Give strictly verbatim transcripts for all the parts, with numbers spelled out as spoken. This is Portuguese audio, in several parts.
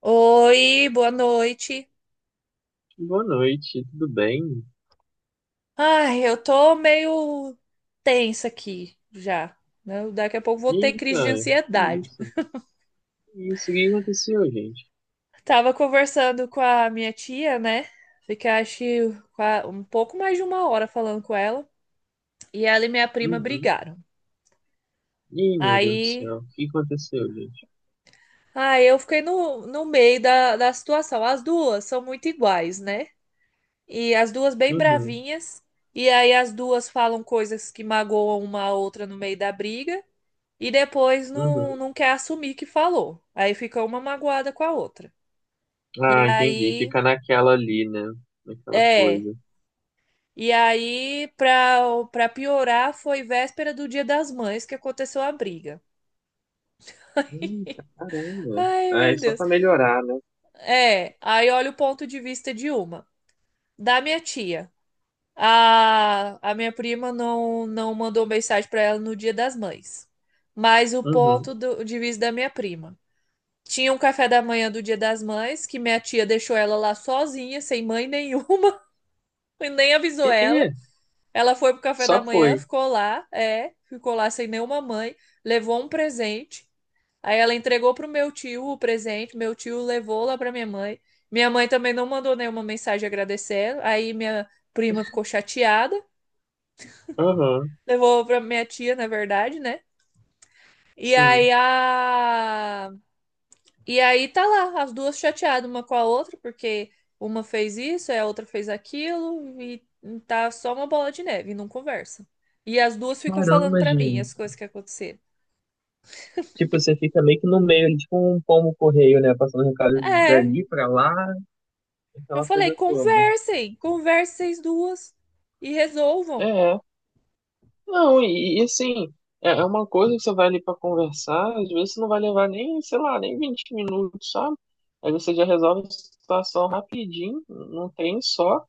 Oi, boa noite. Boa noite, tudo bem? Ai, eu tô meio tensa aqui já, né? Daqui a pouco vou ter crise de Eita, que ansiedade. isso? Que isso? O que aconteceu, gente? Tava conversando com a minha tia, né? Fiquei, acho que qua- um pouco mais de uma hora falando com ela. E ela e minha prima Uhum. brigaram. Ih, meu Deus do Aí, céu, o que aconteceu, gente? aí eu fiquei no, no meio da, da situação. As duas são muito iguais, né? E as duas bem Uhum, bravinhas. E aí as duas falam coisas que magoam uma a outra no meio da briga. E depois não, uhum. não quer assumir que falou. Aí fica uma magoada com a outra. E Ah, entendi. aí, Fica naquela ali, né? Naquela é. coisa. E aí, pra, pra piorar, foi véspera do Dia das Mães que aconteceu a briga. Eita, caramba. Ai, Ah, é meu só Deus. pra melhorar, né? É, aí olha o ponto de vista de uma. Da minha tia. A, a minha prima não, não mandou mensagem pra ela no Dia das Mães. Mas o Uhum. ponto do, de vista da minha prima. Tinha um café da manhã do Dia das Mães, que minha tia deixou ela lá sozinha, sem mãe nenhuma, e nem E, avisou ela. e, Ela foi pro café da só manhã, foi. ficou lá, é, ficou lá sem nenhuma mãe, levou um presente. Aí ela entregou pro meu tio o presente, meu tio levou lá pra minha mãe. Minha mãe também não mandou nenhuma mensagem agradecendo. Aí minha prima ficou chateada, Aham, levou pra minha tia, na verdade, né? E sim. aí a E aí tá lá, as duas chateadas uma com a outra, porque uma fez isso, a outra fez aquilo, e tá só uma bola de neve, não conversa. E as duas ficam falando Caramba, pra mim gente. as coisas que aconteceram. Tipo, você fica meio que no meio, ali, tipo um pombo correio, né? Passando recado É, dali pra lá, eu aquela falei, coisa toda. conversem, conversem vocês duas e resolvam. É, não, e, e assim, é é uma coisa que você vai ali pra conversar, às vezes você não vai levar nem, sei lá, nem vinte minutos, sabe? Aí você já resolve a situação rapidinho, num trem só,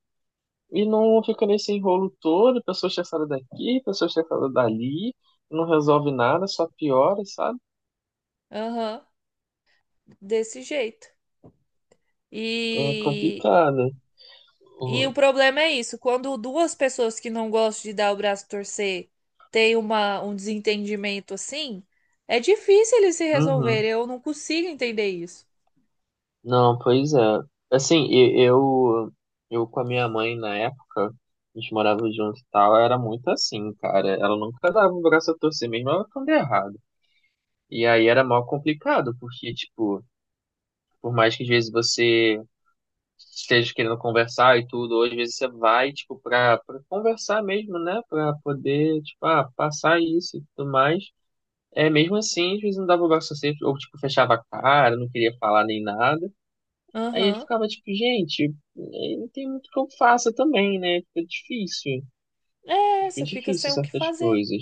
e não fica nesse enrolo todo, pessoa estressada daqui, pessoa estressada dali, não resolve nada, só piora, sabe? Aham, desse jeito. É E complicado. E o problema é isso, quando duas pessoas que não gostam de dar o braço a torcer têm uma, um desentendimento assim, é difícil eles se Uhum. resolverem. Eu não consigo entender isso. Não, pois é. Assim, e- eu, eu com a minha mãe na época, a gente morava junto e tal, era muito assim, cara. Ela nunca dava o braço a torcer, mesmo ela quando é errado. E aí era mal complicado, porque, tipo, por mais que às vezes você esteja querendo conversar e tudo, ou às vezes você vai, tipo, pra, pra conversar mesmo, né? Pra poder, tipo, ah, passar isso e tudo mais. É, mesmo assim, às vezes não dava o braço a torcer, ou, tipo, fechava a cara, não queria falar nem nada. Aí ele Aham. ficava tipo, gente, eh, não tem muito que eu faça também, né? Fica difícil. É, Fica você fica difícil sem o que certas fazer. coisas.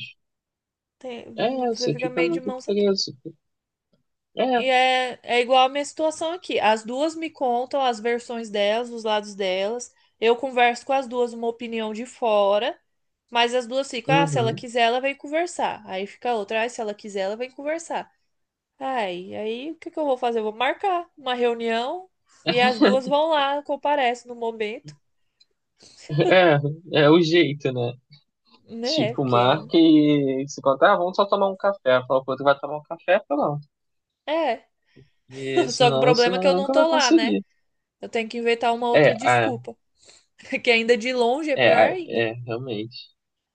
Tem- É, Você você fica fica meio de muito mãos atadas. preso. É, E é, é igual a minha situação aqui. As duas me contam as versões delas, os lados delas. Eu converso com as duas uma opinião de fora, mas as duas ficam, ah, se ela uhum. quiser, ela vem conversar. Aí fica a outra, ah, se ela quiser, ela vem conversar. Ai, aí o que que eu vou fazer? Eu vou marcar uma reunião e as duas vão lá, comparecem no momento, É, é o jeito, né? né? Tipo, Porque marca e se contar, ah, vamos só tomar um café. Fala pro outro, vai tomar um café? Pronto. é. E Só que o senão você problema é que não, eu não nunca tô vai lá, né? conseguir. Eu tenho que inventar uma É, outra ah, desculpa, que ainda de longe é é, pior ah, ainda. é, realmente.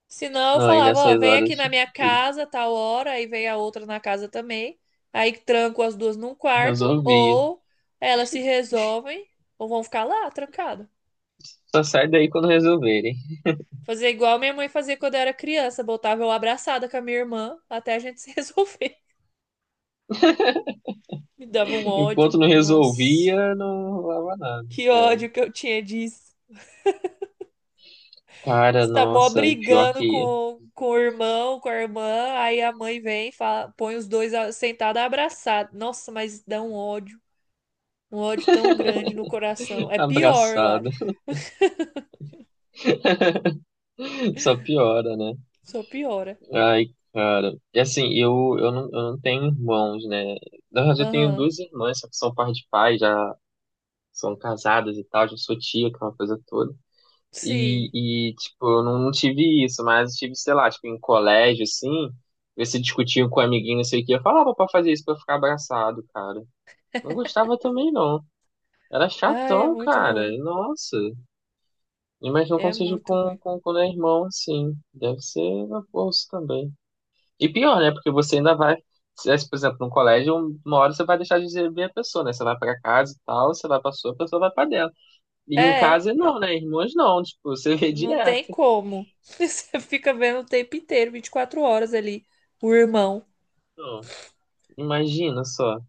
Senão eu Não, aí falava, nessas ó, vem aqui horas, na minha tipo, casa tal hora, aí vem a outra na casa também. Aí tranco as duas num quarto resolvi. ou elas se resolvem ou vão ficar lá trancadas. Só sai daí quando resolverem. Fazer igual minha mãe fazia quando eu era criança, botava eu abraçada com a minha irmã até a gente se resolver. Me dava um Enquanto ódio. não Nossa, resolvia, não rolava nada. que É. ódio que eu tinha disso. Cara, Você tá mó nossa, e pior brigando que com, com o irmão, com a irmã, aí a mãe vem, e fala, põe os dois a- sentados abraçados. Nossa, mas dá um ódio, um ódio tão grande no coração. É pior, eu acho. abraçada. Só piora, né? Só piora. Ai, cara. E assim, eu, eu, não, eu não tenho irmãos, né? Na verdade, eu tenho Aham. duas irmãs, só que são par de pai, já são casadas e tal, já sou tia, aquela coisa toda. Sim. E, e tipo, eu não, não tive isso, mas tive, sei lá, tipo, em colégio, assim, você discutiam com um amiguinho, não sei o que, eu falava pra fazer isso pra ficar abraçado, cara. Não gostava também, não. Era Ai, é chatão, muito cara. ruim. Nossa. Imagino É como seja muito com, ruim. com, quando é irmão, assim. Deve ser na bolsa também. E pior, né? Porque você ainda vai. Se é, por exemplo, num colégio, uma hora você vai deixar de ver a pessoa, né? Você vai pra casa e tal, você vai pra sua, a pessoa vai pra dela. E em É, casa não, né? Irmãos não. Tipo, você vê não direto. tem como. Você fica vendo o tempo inteiro, vinte e quatro horas ali, o irmão. Então, imagina só.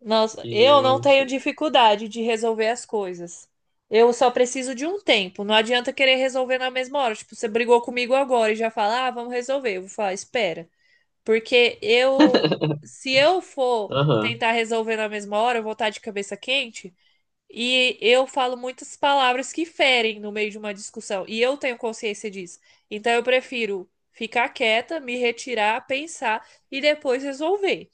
Nossa, eu não tenho Gente. dificuldade de resolver as coisas. Eu só preciso de um tempo. Não adianta querer resolver na mesma hora. Tipo, você brigou comigo agora e já fala, ah, vamos resolver. Eu vou falar, espera. Porque eu, se eu for Aham. tentar resolver na mesma hora, eu vou estar de cabeça quente. E eu falo muitas palavras que ferem no meio de uma discussão. E eu tenho consciência disso. Então eu prefiro ficar quieta, me retirar, pensar e depois resolver.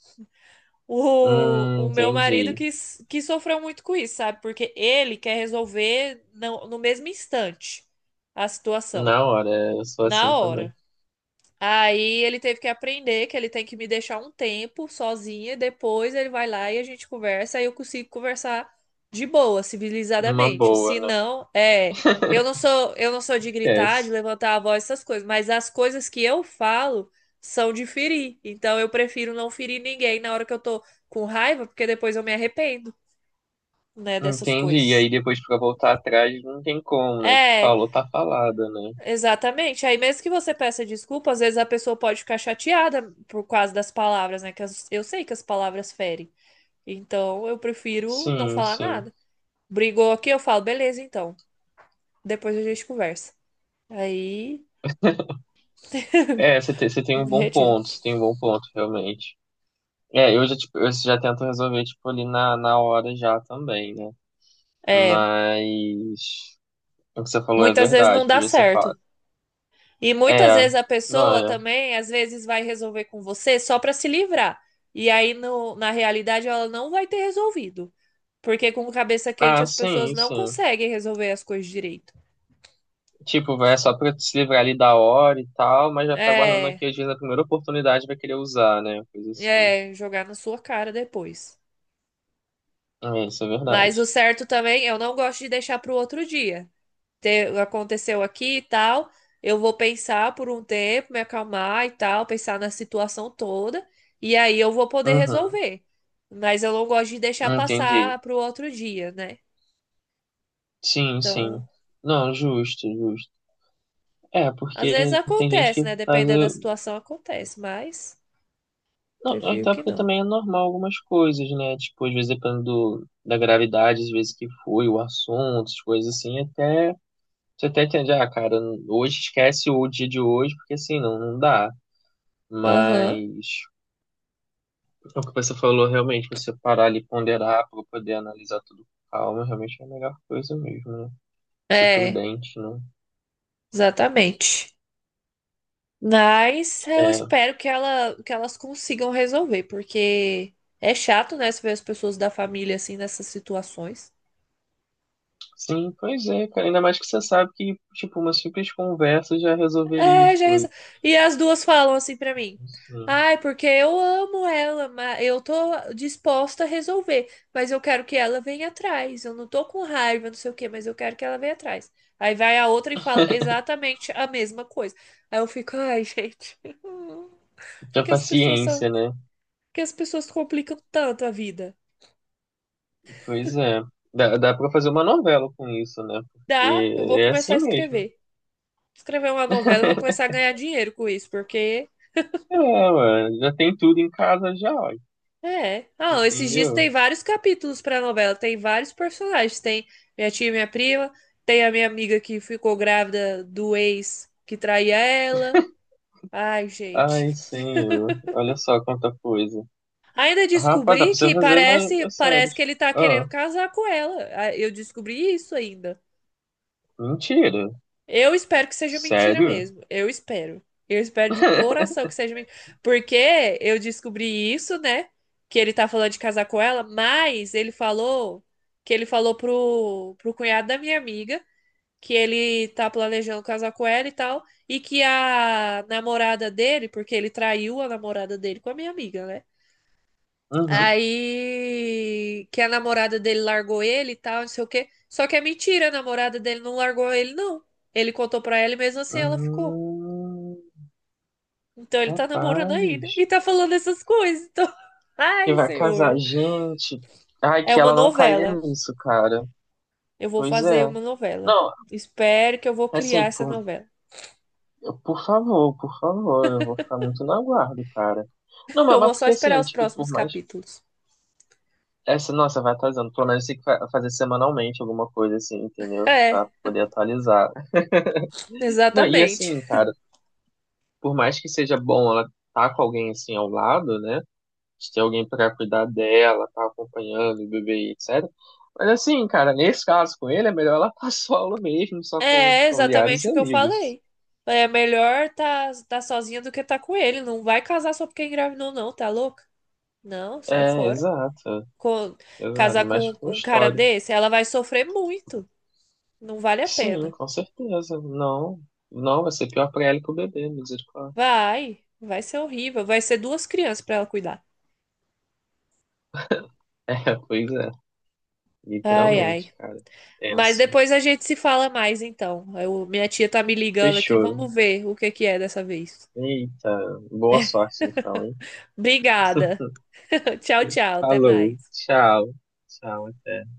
O, Hum, o meu marido entendi. que, s- que sofreu muito com isso, sabe? Porque ele quer resolver no, no mesmo instante a situação, Na hora, eu sou na assim hora. também. Aí ele teve que aprender que ele tem que me deixar um tempo sozinha, depois ele vai lá e a gente conversa, aí eu consigo conversar de boa, Numa civilizadamente. Se boa, né? não, é, eu não sou, eu não sou de gritar, de Esquece. levantar a voz, essas coisas, mas as coisas que eu falo são de ferir. Então eu prefiro não ferir ninguém na hora que eu tô com raiva, porque depois eu me arrependo, né, dessas Entendi. E aí coisas. depois pra voltar atrás não tem como, né? Tipo, É, falou, tá falada, né? exatamente. Aí, mesmo que você peça desculpa, às vezes a pessoa pode ficar chateada por causa das palavras, né? Que as- eu sei que as palavras ferem. Então, eu prefiro não Sim, falar sim. nada. Brigou aqui, eu falo, beleza, então. Depois a gente conversa. Aí, É, você tem, você tem um me bom retiro. ponto, você tem um bom ponto, realmente. É, eu já, tipo, eu já tento resolver, tipo, ali na, na hora já também, né? É, Mas o que você falou é muitas vezes verdade, não dá porque você certo. fala. E muitas É, vezes a não pessoa é. também, às vezes, vai resolver com você só pra se livrar. E aí, no- na realidade, ela não vai ter resolvido. Porque com cabeça quente Ah, as pessoas sim, não sim. conseguem resolver as coisas direito. Tipo, vai só pra se livrar ali da hora e tal, mas vai ficar guardando É, aqui, às vezes, a primeira oportunidade vai querer usar, né? Coisa assim. é, jogar na sua cara depois. É, isso é Mas o verdade. certo também, eu não gosto de deixar pro outro dia. Te- aconteceu aqui e tal, eu vou pensar por um tempo, me acalmar e tal, pensar na situação toda, e aí eu vou poder Uhum. resolver. Mas eu não gosto de deixar Entendi. passar pro outro dia, né? Sim, sim. Então, Não, justo, justo. É, às vezes porque tem gente acontece, que né? faz. Dependendo da o- situação, acontece, mas Não, prefiro até que porque não. também é normal algumas coisas, né? Tipo, às vezes dependendo do- da gravidade, às vezes que foi o assunto, as coisas assim, até. Você até entende, ah, cara, hoje esquece o dia de hoje, porque assim, não, não dá. Mas Aham, é o que você falou, realmente, você parar ali, e ponderar para poder analisar tudo com calma, realmente é a melhor coisa mesmo, né? Ser é, prudente, né? exatamente. Mas eu É, espero que ela, que elas consigam resolver, porque é chato, né, se ver as pessoas da família assim nessas situações. sim, pois é, cara. Ainda mais que você sabe que, tipo, uma simples conversa já resolveria as É, já resol... coisas. E as duas falam assim pra mim: Sim. "Ai, porque eu amo ela, mas eu tô disposta a resolver, mas eu quero que ela venha atrás. Eu não tô com raiva, não sei o quê, mas eu quero que ela venha atrás." Aí vai a outra e fala exatamente a mesma coisa. Aí eu fico: "Ai, gente, por Tinha que as pessoas são, paciência, por né? que as pessoas complicam tanto a vida?" Pois é. Dá, dá pra fazer uma novela com isso, né? Dá, Porque eu vou é começar a assim mesmo. escrever. Escrever uma novela, eu vou começar a ganhar dinheiro com isso, porque É, mano. Já tem tudo em casa já, ó. é. Ah, esses dias Entendeu? tem vários capítulos pra novela, tem vários personagens. Tem minha tia, e minha prima, tem a minha amiga que ficou grávida do ex que traía ela. Ai, gente. Ai, senhor. Olha só quanta coisa. Ainda Rapaz, dá descobri pra você que fazer uma, parece, uma série. parece que ele tá Ah, querendo casar com ela. Ah, eu descobri isso ainda. mentira. Eu espero que seja mentira Sério? mesmo. Eu espero. Eu espero de coração que seja mentira. Porque eu descobri isso, né? Que ele tá falando de casar com ela, mas ele falou que ele falou pro, pro cunhado da minha amiga que ele tá planejando casar com ela e tal. E que a namorada dele, porque ele traiu a namorada dele com a minha amiga, né? Uhum. Aí que a namorada dele largou ele e tal, não sei o quê. Só que é mentira, a namorada dele não largou ele, não. Ele contou pra ela e mesmo assim ela ficou. Hum, Então ele tá namorando rapaz. ainda. E tá falando essas coisas. Então... Que Ai, vai casar. senhor. Gente, ai, É que uma ela não caia novela. nisso, cara. Eu vou Pois fazer é. uma novela. Não, Espero que eu vou criar assim, essa por, novela. por favor, por favor, eu vou ficar muito no aguardo, cara. Não, mas, Eu mas vou só porque esperar assim, os tipo, por próximos mais. capítulos. Essa, nossa, vai atualizando. Pelo menos tem que fa- fazer semanalmente alguma coisa, assim, entendeu? É, Pra poder atualizar. Não, e exatamente. assim, cara, por mais que seja bom ela tá com alguém assim ao lado, né? De ter alguém para cuidar dela, tá acompanhando o bebê, etcétera. Mas assim, cara, nesse caso com ele, é melhor ela passar aula mesmo, só com os É familiares exatamente e o que eu amigos. falei. É melhor tá, tá sozinha do que tá com ele. Não vai casar só porque engravidou, não, tá louca? Não, sai É, fora. exato, Co- exato, casar não mexe com com um cara história. desse, ela vai sofrer muito. Não vale a Sim, pena. com certeza. Não, não, vai ser pior pra ela e pro bebê, misericórdia. Vai, vai ser horrível. Vai ser duas crianças pra ela cuidar. É, pois é, Ai, literalmente, ai. cara. Mas Tenso. depois a gente se fala mais, então. Eu- minha tia tá me ligando aqui. Fechou. Vamos ver o que que é dessa vez. Eita, boa sorte então, hein? Obrigada. Tchau, tchau. Até Falou, mais. tchau, tchau, até.